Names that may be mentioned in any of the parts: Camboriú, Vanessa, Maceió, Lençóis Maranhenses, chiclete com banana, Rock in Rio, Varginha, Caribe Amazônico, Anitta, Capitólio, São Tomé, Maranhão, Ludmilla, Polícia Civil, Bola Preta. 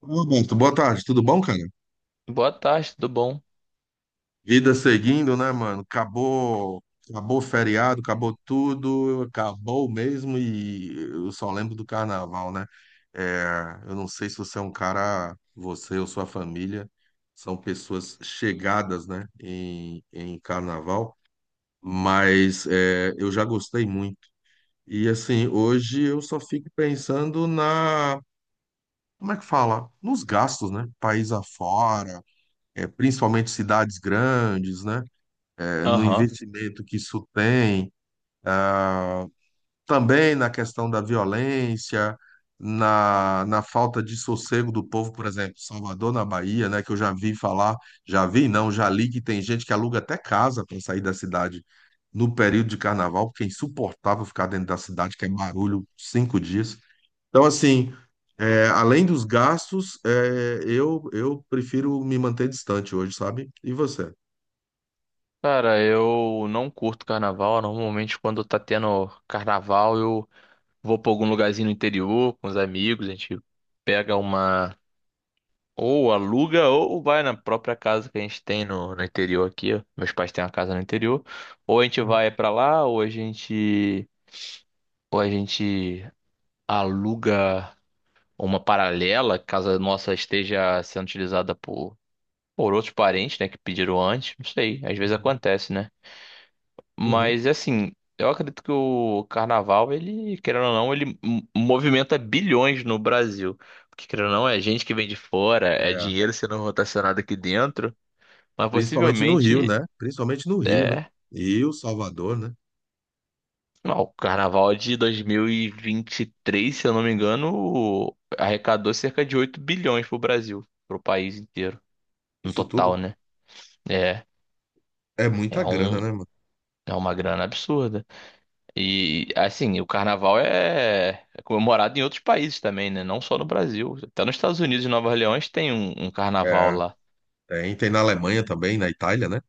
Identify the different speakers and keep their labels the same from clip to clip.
Speaker 1: Roberto, boa tarde, tudo bom, cara?
Speaker 2: Boa tarde, tudo bom?
Speaker 1: Vida seguindo, né, mano? Acabou o feriado, acabou tudo, acabou mesmo e eu só lembro do carnaval, né? É, eu não sei se você é um cara, você ou sua família são pessoas chegadas, né, em carnaval, mas é, eu já gostei muito. E assim, hoje eu só fico pensando como é que fala? Nos gastos, né? País afora é, principalmente cidades grandes, né? É, no
Speaker 2: Aham.
Speaker 1: investimento que isso tem, ah, também na questão da violência, na falta de sossego do povo, por exemplo, Salvador, na Bahia, né? Que eu já vi falar, já vi, não, já li que tem gente que aluga até casa para sair da cidade no período de carnaval, porque é insuportável ficar dentro da cidade, que é barulho 5 dias. Então, assim. É, além dos gastos, é, eu prefiro me manter distante hoje, sabe? E você?
Speaker 2: Cara, eu não curto carnaval. Normalmente, quando tá tendo carnaval, eu vou pra algum lugarzinho no interior com os amigos. A gente pega uma. Ou aluga, ou vai na própria casa que a gente tem no interior aqui. Ó. Meus pais têm uma casa no interior. Ou a gente
Speaker 1: Uhum,
Speaker 2: vai pra lá, ou a gente. Ou a gente aluga uma paralela, caso a nossa esteja sendo utilizada por outros parentes, né, que pediram antes. Não sei, às vezes
Speaker 1: uhum,
Speaker 2: acontece, né?
Speaker 1: uhum.
Speaker 2: Mas assim, eu acredito que o carnaval, ele, querendo ou não, ele movimenta bilhões no Brasil. Porque, querendo ou não, é gente que vem de fora, é
Speaker 1: É,
Speaker 2: dinheiro sendo rotacionado aqui dentro. Mas
Speaker 1: principalmente no Rio,
Speaker 2: possivelmente,
Speaker 1: né? Principalmente no Rio, né?
Speaker 2: é.
Speaker 1: Rio, Salvador, né?
Speaker 2: Não, o carnaval de 2023, se eu não me engano, arrecadou cerca de 8 bilhões pro Brasil, pro país inteiro, no
Speaker 1: Isso tudo
Speaker 2: total, né? É,
Speaker 1: é muita
Speaker 2: é um,
Speaker 1: grana, né, mano?
Speaker 2: é uma grana absurda. E assim, o carnaval é comemorado em outros países também, né? Não só no Brasil. Até nos Estados Unidos e Nova Orleans tem um carnaval
Speaker 1: É,
Speaker 2: lá.
Speaker 1: tem na Alemanha também, na Itália, né?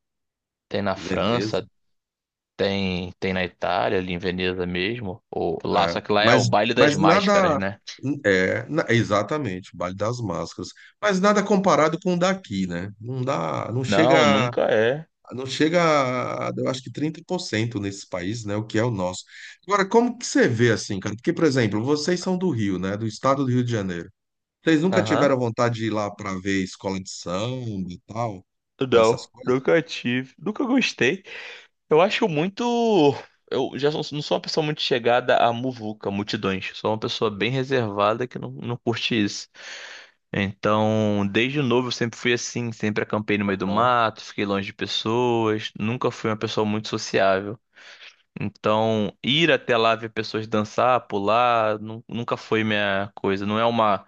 Speaker 2: Tem na
Speaker 1: Veneza,
Speaker 2: França, tem na Itália, ali em Veneza mesmo. Ou lá,
Speaker 1: né?
Speaker 2: só que lá é o baile das
Speaker 1: Mas
Speaker 2: máscaras,
Speaker 1: nada.
Speaker 2: né?
Speaker 1: É, na- exatamente, o Baile das Máscaras. Mas nada comparado com o daqui, né? Não dá, não
Speaker 2: Não,
Speaker 1: chega.
Speaker 2: nunca é.
Speaker 1: Não chega a, eu acho que 30% nesses países, né? O que é o nosso. Agora, como que você vê assim, cara? Porque, por exemplo, vocês são do Rio, né? Do estado do Rio de Janeiro. Vocês nunca tiveram
Speaker 2: Aham.
Speaker 1: vontade de ir lá para ver escola de samba e tal? Essas
Speaker 2: Não,
Speaker 1: coisas?
Speaker 2: nunca tive. Nunca gostei. Eu acho muito. Não sou uma pessoa muito chegada a muvuca, multidões. Sou uma pessoa bem reservada que não curte isso. Então, desde novo eu sempre fui assim, sempre acampei no meio do
Speaker 1: Aham,
Speaker 2: mato, fiquei longe de pessoas, nunca fui uma pessoa muito sociável. Então, ir até lá ver pessoas dançar, pular, nunca foi minha coisa. Não é uma.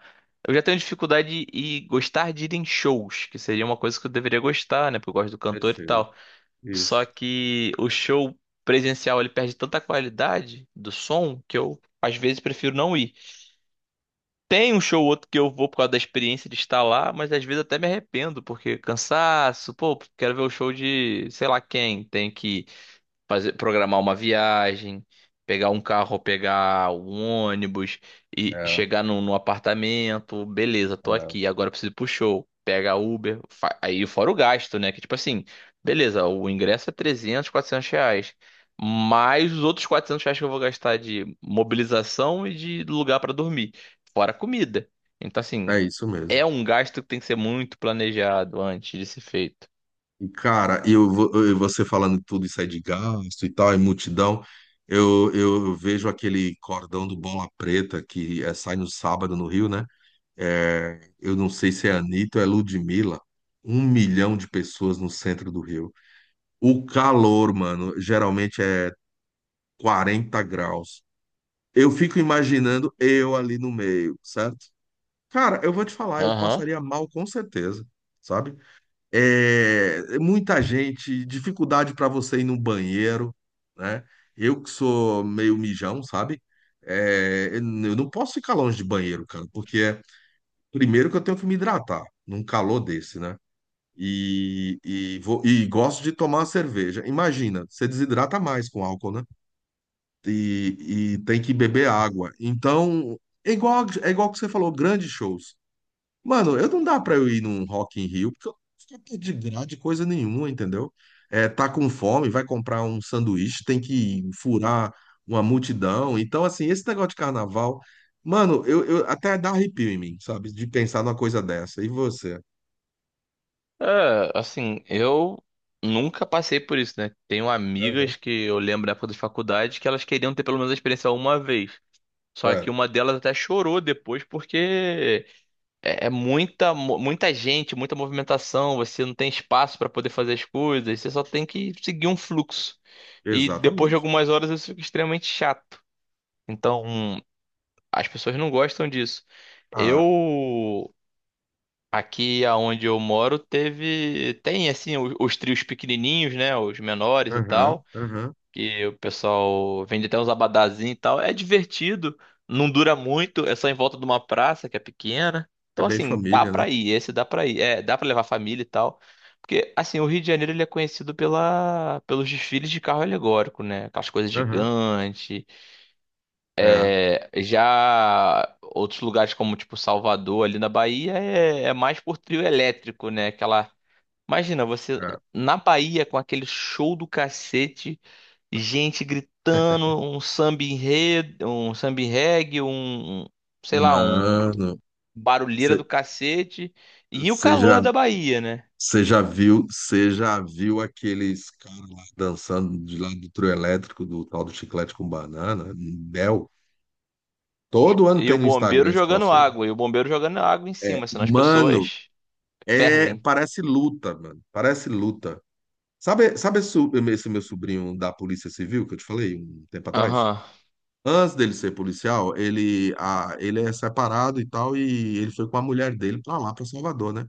Speaker 2: Eu já tenho dificuldade em gostar de ir em shows, que seria uma coisa que eu deveria gostar, né? Porque eu gosto do cantor e
Speaker 1: perfeito.
Speaker 2: tal. Só
Speaker 1: Isso.
Speaker 2: que o show presencial ele perde tanta qualidade do som que eu às vezes prefiro não ir. Tem um show ou outro que eu vou por causa da experiência de estar lá, mas às vezes até me arrependo porque cansaço, pô, quero ver o show de sei lá quem, tem que fazer, programar uma viagem, pegar um carro, pegar um ônibus e
Speaker 1: É,
Speaker 2: chegar num apartamento, beleza, tô
Speaker 1: é.
Speaker 2: aqui, agora eu preciso ir pro show, pega Uber, aí fora o gasto, né? Que tipo assim, beleza, o ingresso é 300 400 reais, mais os outros 400 reais que eu vou gastar de mobilização e de lugar pra dormir, fora a comida. Então assim,
Speaker 1: É isso mesmo.
Speaker 2: é um gasto que tem que ser muito planejado antes de ser feito.
Speaker 1: E, cara, e você falando tudo isso aí de gasto e tal, e multidão, eu vejo aquele cordão do Bola Preta que é, sai no sábado no Rio, né? É, eu não sei se é Anitta ou é Ludmilla, 1 milhão de pessoas no centro do Rio. O calor, mano, geralmente é 40 graus. Eu fico imaginando eu ali no meio, certo? Cara, eu vou te falar, eu
Speaker 2: Aham.
Speaker 1: passaria mal com certeza, sabe? É, muita gente, dificuldade para você ir no banheiro, né? Eu que sou meio mijão, sabe? É, eu não posso ficar longe de banheiro, cara, porque primeiro que eu tenho que me hidratar num calor desse, né? E gosto de tomar uma cerveja. Imagina, você desidrata mais com álcool, né? E tem que beber água. Então, é igual que você falou, grandes shows. Mano, eu não dá pra eu ir num Rock in Rio, porque eu não fico de grade coisa nenhuma, entendeu? É, tá com fome, vai comprar um sanduíche, tem que furar uma multidão. Então, assim, esse negócio de carnaval, mano, eu até dá arrepio em mim, sabe? De pensar numa coisa dessa. E você?
Speaker 2: É, assim, eu nunca passei por isso, né? Tenho
Speaker 1: Aham.
Speaker 2: amigas que eu lembro da época da faculdade que elas queriam ter pelo menos a experiência uma vez. Só que
Speaker 1: Sério.
Speaker 2: uma delas até chorou depois porque é muita, muita gente, muita movimentação, você não tem espaço pra poder fazer as coisas, você só tem que seguir um fluxo. E depois de
Speaker 1: Exatamente.
Speaker 2: algumas horas isso fica extremamente chato. Então, as pessoas não gostam disso. Eu.
Speaker 1: Ah,
Speaker 2: Aqui aonde eu moro teve tem assim trios pequenininhos, né, os menores e
Speaker 1: aham,
Speaker 2: tal,
Speaker 1: aham.
Speaker 2: que o pessoal vende até uns abadazinhos e tal. É divertido, não dura muito, é só em volta de uma praça que é pequena.
Speaker 1: É
Speaker 2: Então
Speaker 1: bem
Speaker 2: assim, dá
Speaker 1: família, né?
Speaker 2: pra ir, esse dá pra ir, é, dá pra levar a família e tal. Porque assim, o Rio de Janeiro ele é conhecido pela pelos desfiles de carro alegórico, né? Aquelas coisas
Speaker 1: Aham.
Speaker 2: gigantes.
Speaker 1: É,
Speaker 2: É, já outros lugares como tipo Salvador ali na Bahia é, é mais por trio elétrico, né? Aquela. Imagina você
Speaker 1: é.
Speaker 2: na Bahia com aquele show do cacete, gente gritando, um samba enredo, um samba reggae, um, sei lá, um
Speaker 1: Mano,
Speaker 2: barulheira do cacete e o
Speaker 1: você
Speaker 2: calor
Speaker 1: já
Speaker 2: da Bahia, né?
Speaker 1: Você já viu aqueles caras lá dançando de lá do trio elétrico, do tal do chiclete com banana, Bel? Todo ano
Speaker 2: E
Speaker 1: tem
Speaker 2: o
Speaker 1: no Instagram
Speaker 2: bombeiro
Speaker 1: esse
Speaker 2: jogando
Speaker 1: troço aí.
Speaker 2: água, e o bombeiro jogando água em cima, senão as
Speaker 1: Mano,
Speaker 2: pessoas
Speaker 1: é,
Speaker 2: fervem.
Speaker 1: parece luta, mano. Parece luta. Sabe, esse meu sobrinho da Polícia Civil que eu te falei um tempo atrás?
Speaker 2: Aham.
Speaker 1: Antes dele ser policial, ele, ah, ele é separado e tal, e ele foi com a mulher dele pra lá, pra Salvador, né?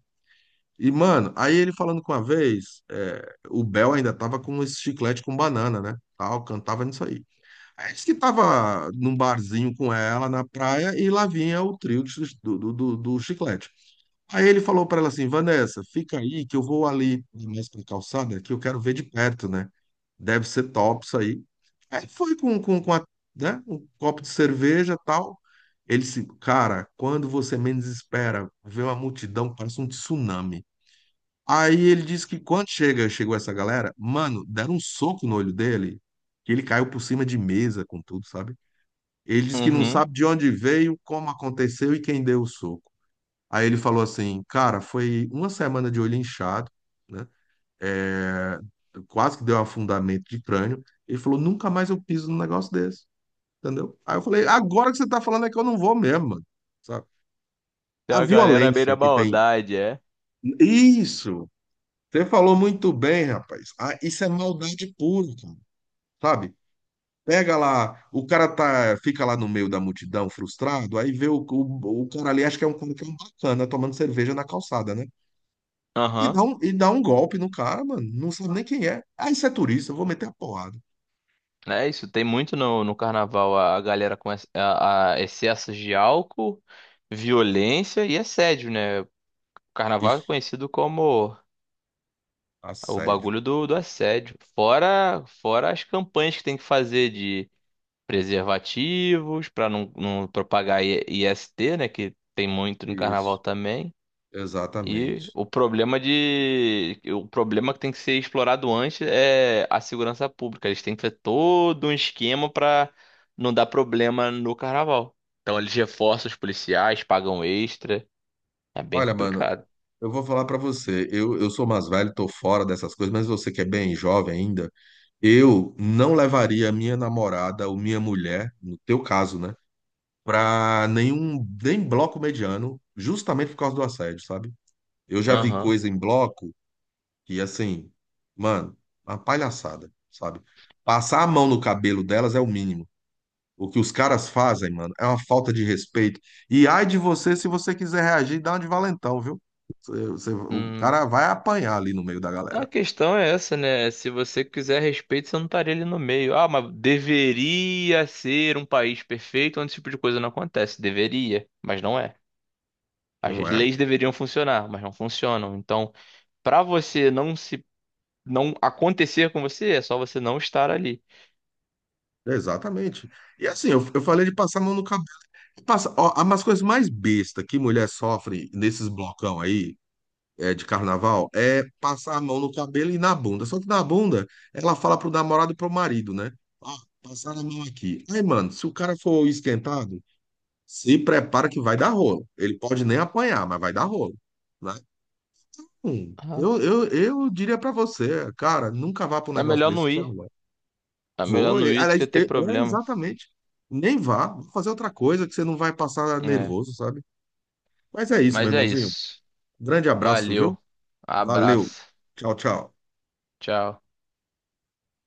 Speaker 1: E, mano, aí ele falando com a vez, é, o Bel ainda tava com esse chiclete com banana, né? Tal, cantava nisso aí. Aí disse que tava num barzinho com ela na praia e lá vinha o trio do chiclete. Aí ele falou pra ela assim, Vanessa, fica aí que eu vou ali mais pra calçada que eu quero ver de perto, né? Deve ser top isso aí. Aí foi com a, né? Um copo de cerveja tal. Ele disse, cara, quando você menos espera, vê uma multidão, parece um tsunami. Aí ele disse que chegou essa galera, mano, deram um soco no olho dele, que ele caiu por cima de mesa com tudo, sabe? Ele disse que não
Speaker 2: Uhum.
Speaker 1: sabe de onde veio, como aconteceu e quem deu o soco. Aí ele falou assim, cara, foi uma semana de olho inchado, né? É, quase que deu afundamento de crânio. Ele falou, nunca mais eu piso num negócio desse, entendeu? Aí eu falei, agora que você tá falando é que eu não vou mesmo, mano, sabe?
Speaker 2: Tem
Speaker 1: A
Speaker 2: a galera à beira
Speaker 1: violência
Speaker 2: da
Speaker 1: que tem.
Speaker 2: maldade, é.
Speaker 1: Isso, você falou muito bem, rapaz. Ah, isso é maldade pura, cara. Sabe? Pega lá, o cara tá, fica lá no meio da multidão, frustrado, aí vê o cara ali, acho que é um cara que é um bacana, tomando cerveja na calçada, né?
Speaker 2: Aham.
Speaker 1: E dá um golpe no cara, mano. Não sabe nem quem é. Ah, isso é turista, eu vou meter a porrada.
Speaker 2: É isso, tem muito no carnaval a galera com a excessos de álcool, violência e assédio, né? O carnaval é
Speaker 1: Ixi,
Speaker 2: conhecido como o
Speaker 1: assédio.
Speaker 2: bagulho do assédio. Fora as campanhas que tem que fazer de preservativos para não propagar IST, né? Que tem muito no carnaval
Speaker 1: Isso,
Speaker 2: também. E
Speaker 1: exatamente.
Speaker 2: o problema de. O problema que tem que ser explorado antes é a segurança pública. Eles têm que fazer todo um esquema para não dar problema no carnaval. Então eles reforçam os policiais, pagam extra. É bem
Speaker 1: Olha, mano,
Speaker 2: complicado.
Speaker 1: eu vou falar pra você. Eu sou mais velho, tô fora dessas coisas, mas você que é bem jovem ainda. Eu não levaria minha namorada ou minha mulher, no teu caso, né, para nenhum nem bloco mediano, justamente por causa do assédio, sabe? Eu já vi
Speaker 2: Aham.
Speaker 1: coisa em bloco que assim, mano, uma palhaçada, sabe? Passar a mão no cabelo delas é o mínimo. O que os caras fazem, mano, é uma falta de respeito. E ai de você se você quiser reagir, dá uma de valentão, viu? O
Speaker 2: Hum.
Speaker 1: cara vai apanhar ali no meio da
Speaker 2: A
Speaker 1: galera,
Speaker 2: questão é essa, né? Se você quiser respeito, você não estaria ali no meio. Ah, mas deveria ser um país perfeito onde esse tipo de coisa não acontece. Deveria, mas não é. As
Speaker 1: não é?
Speaker 2: leis deveriam funcionar, mas não funcionam. Então. Pra você não se não acontecer com você, é só você não estar ali.
Speaker 1: Exatamente. E assim, eu falei de passar a mão no cabelo. Passa, ó, as coisas mais besta que mulher sofre nesses blocão aí, é, de carnaval, é passar a mão no cabelo e na bunda. Só que na bunda, ela fala pro namorado e pro marido, né? Ah, passar a mão aqui. Aí, mano, se o cara for esquentado, se prepara que vai dar rolo. Ele pode nem apanhar, mas vai dar rolo, né?
Speaker 2: Ah,
Speaker 1: Eu diria pra você, cara, nunca vá pra um
Speaker 2: é
Speaker 1: negócio
Speaker 2: melhor
Speaker 1: desse
Speaker 2: não
Speaker 1: que você
Speaker 2: ir.
Speaker 1: não vai.
Speaker 2: É melhor
Speaker 1: Vou,
Speaker 2: não
Speaker 1: e-
Speaker 2: ir do
Speaker 1: aliás,
Speaker 2: que ter
Speaker 1: e- é
Speaker 2: problema.
Speaker 1: exatamente. Nem vá, vá fazer outra coisa que você não vai passar
Speaker 2: É.
Speaker 1: nervoso, sabe? Mas é isso, meu
Speaker 2: Mas é
Speaker 1: irmãozinho.
Speaker 2: isso.
Speaker 1: Grande abraço, viu?
Speaker 2: Valeu.
Speaker 1: Valeu.
Speaker 2: Abraço.
Speaker 1: Tchau, tchau.
Speaker 2: Tchau.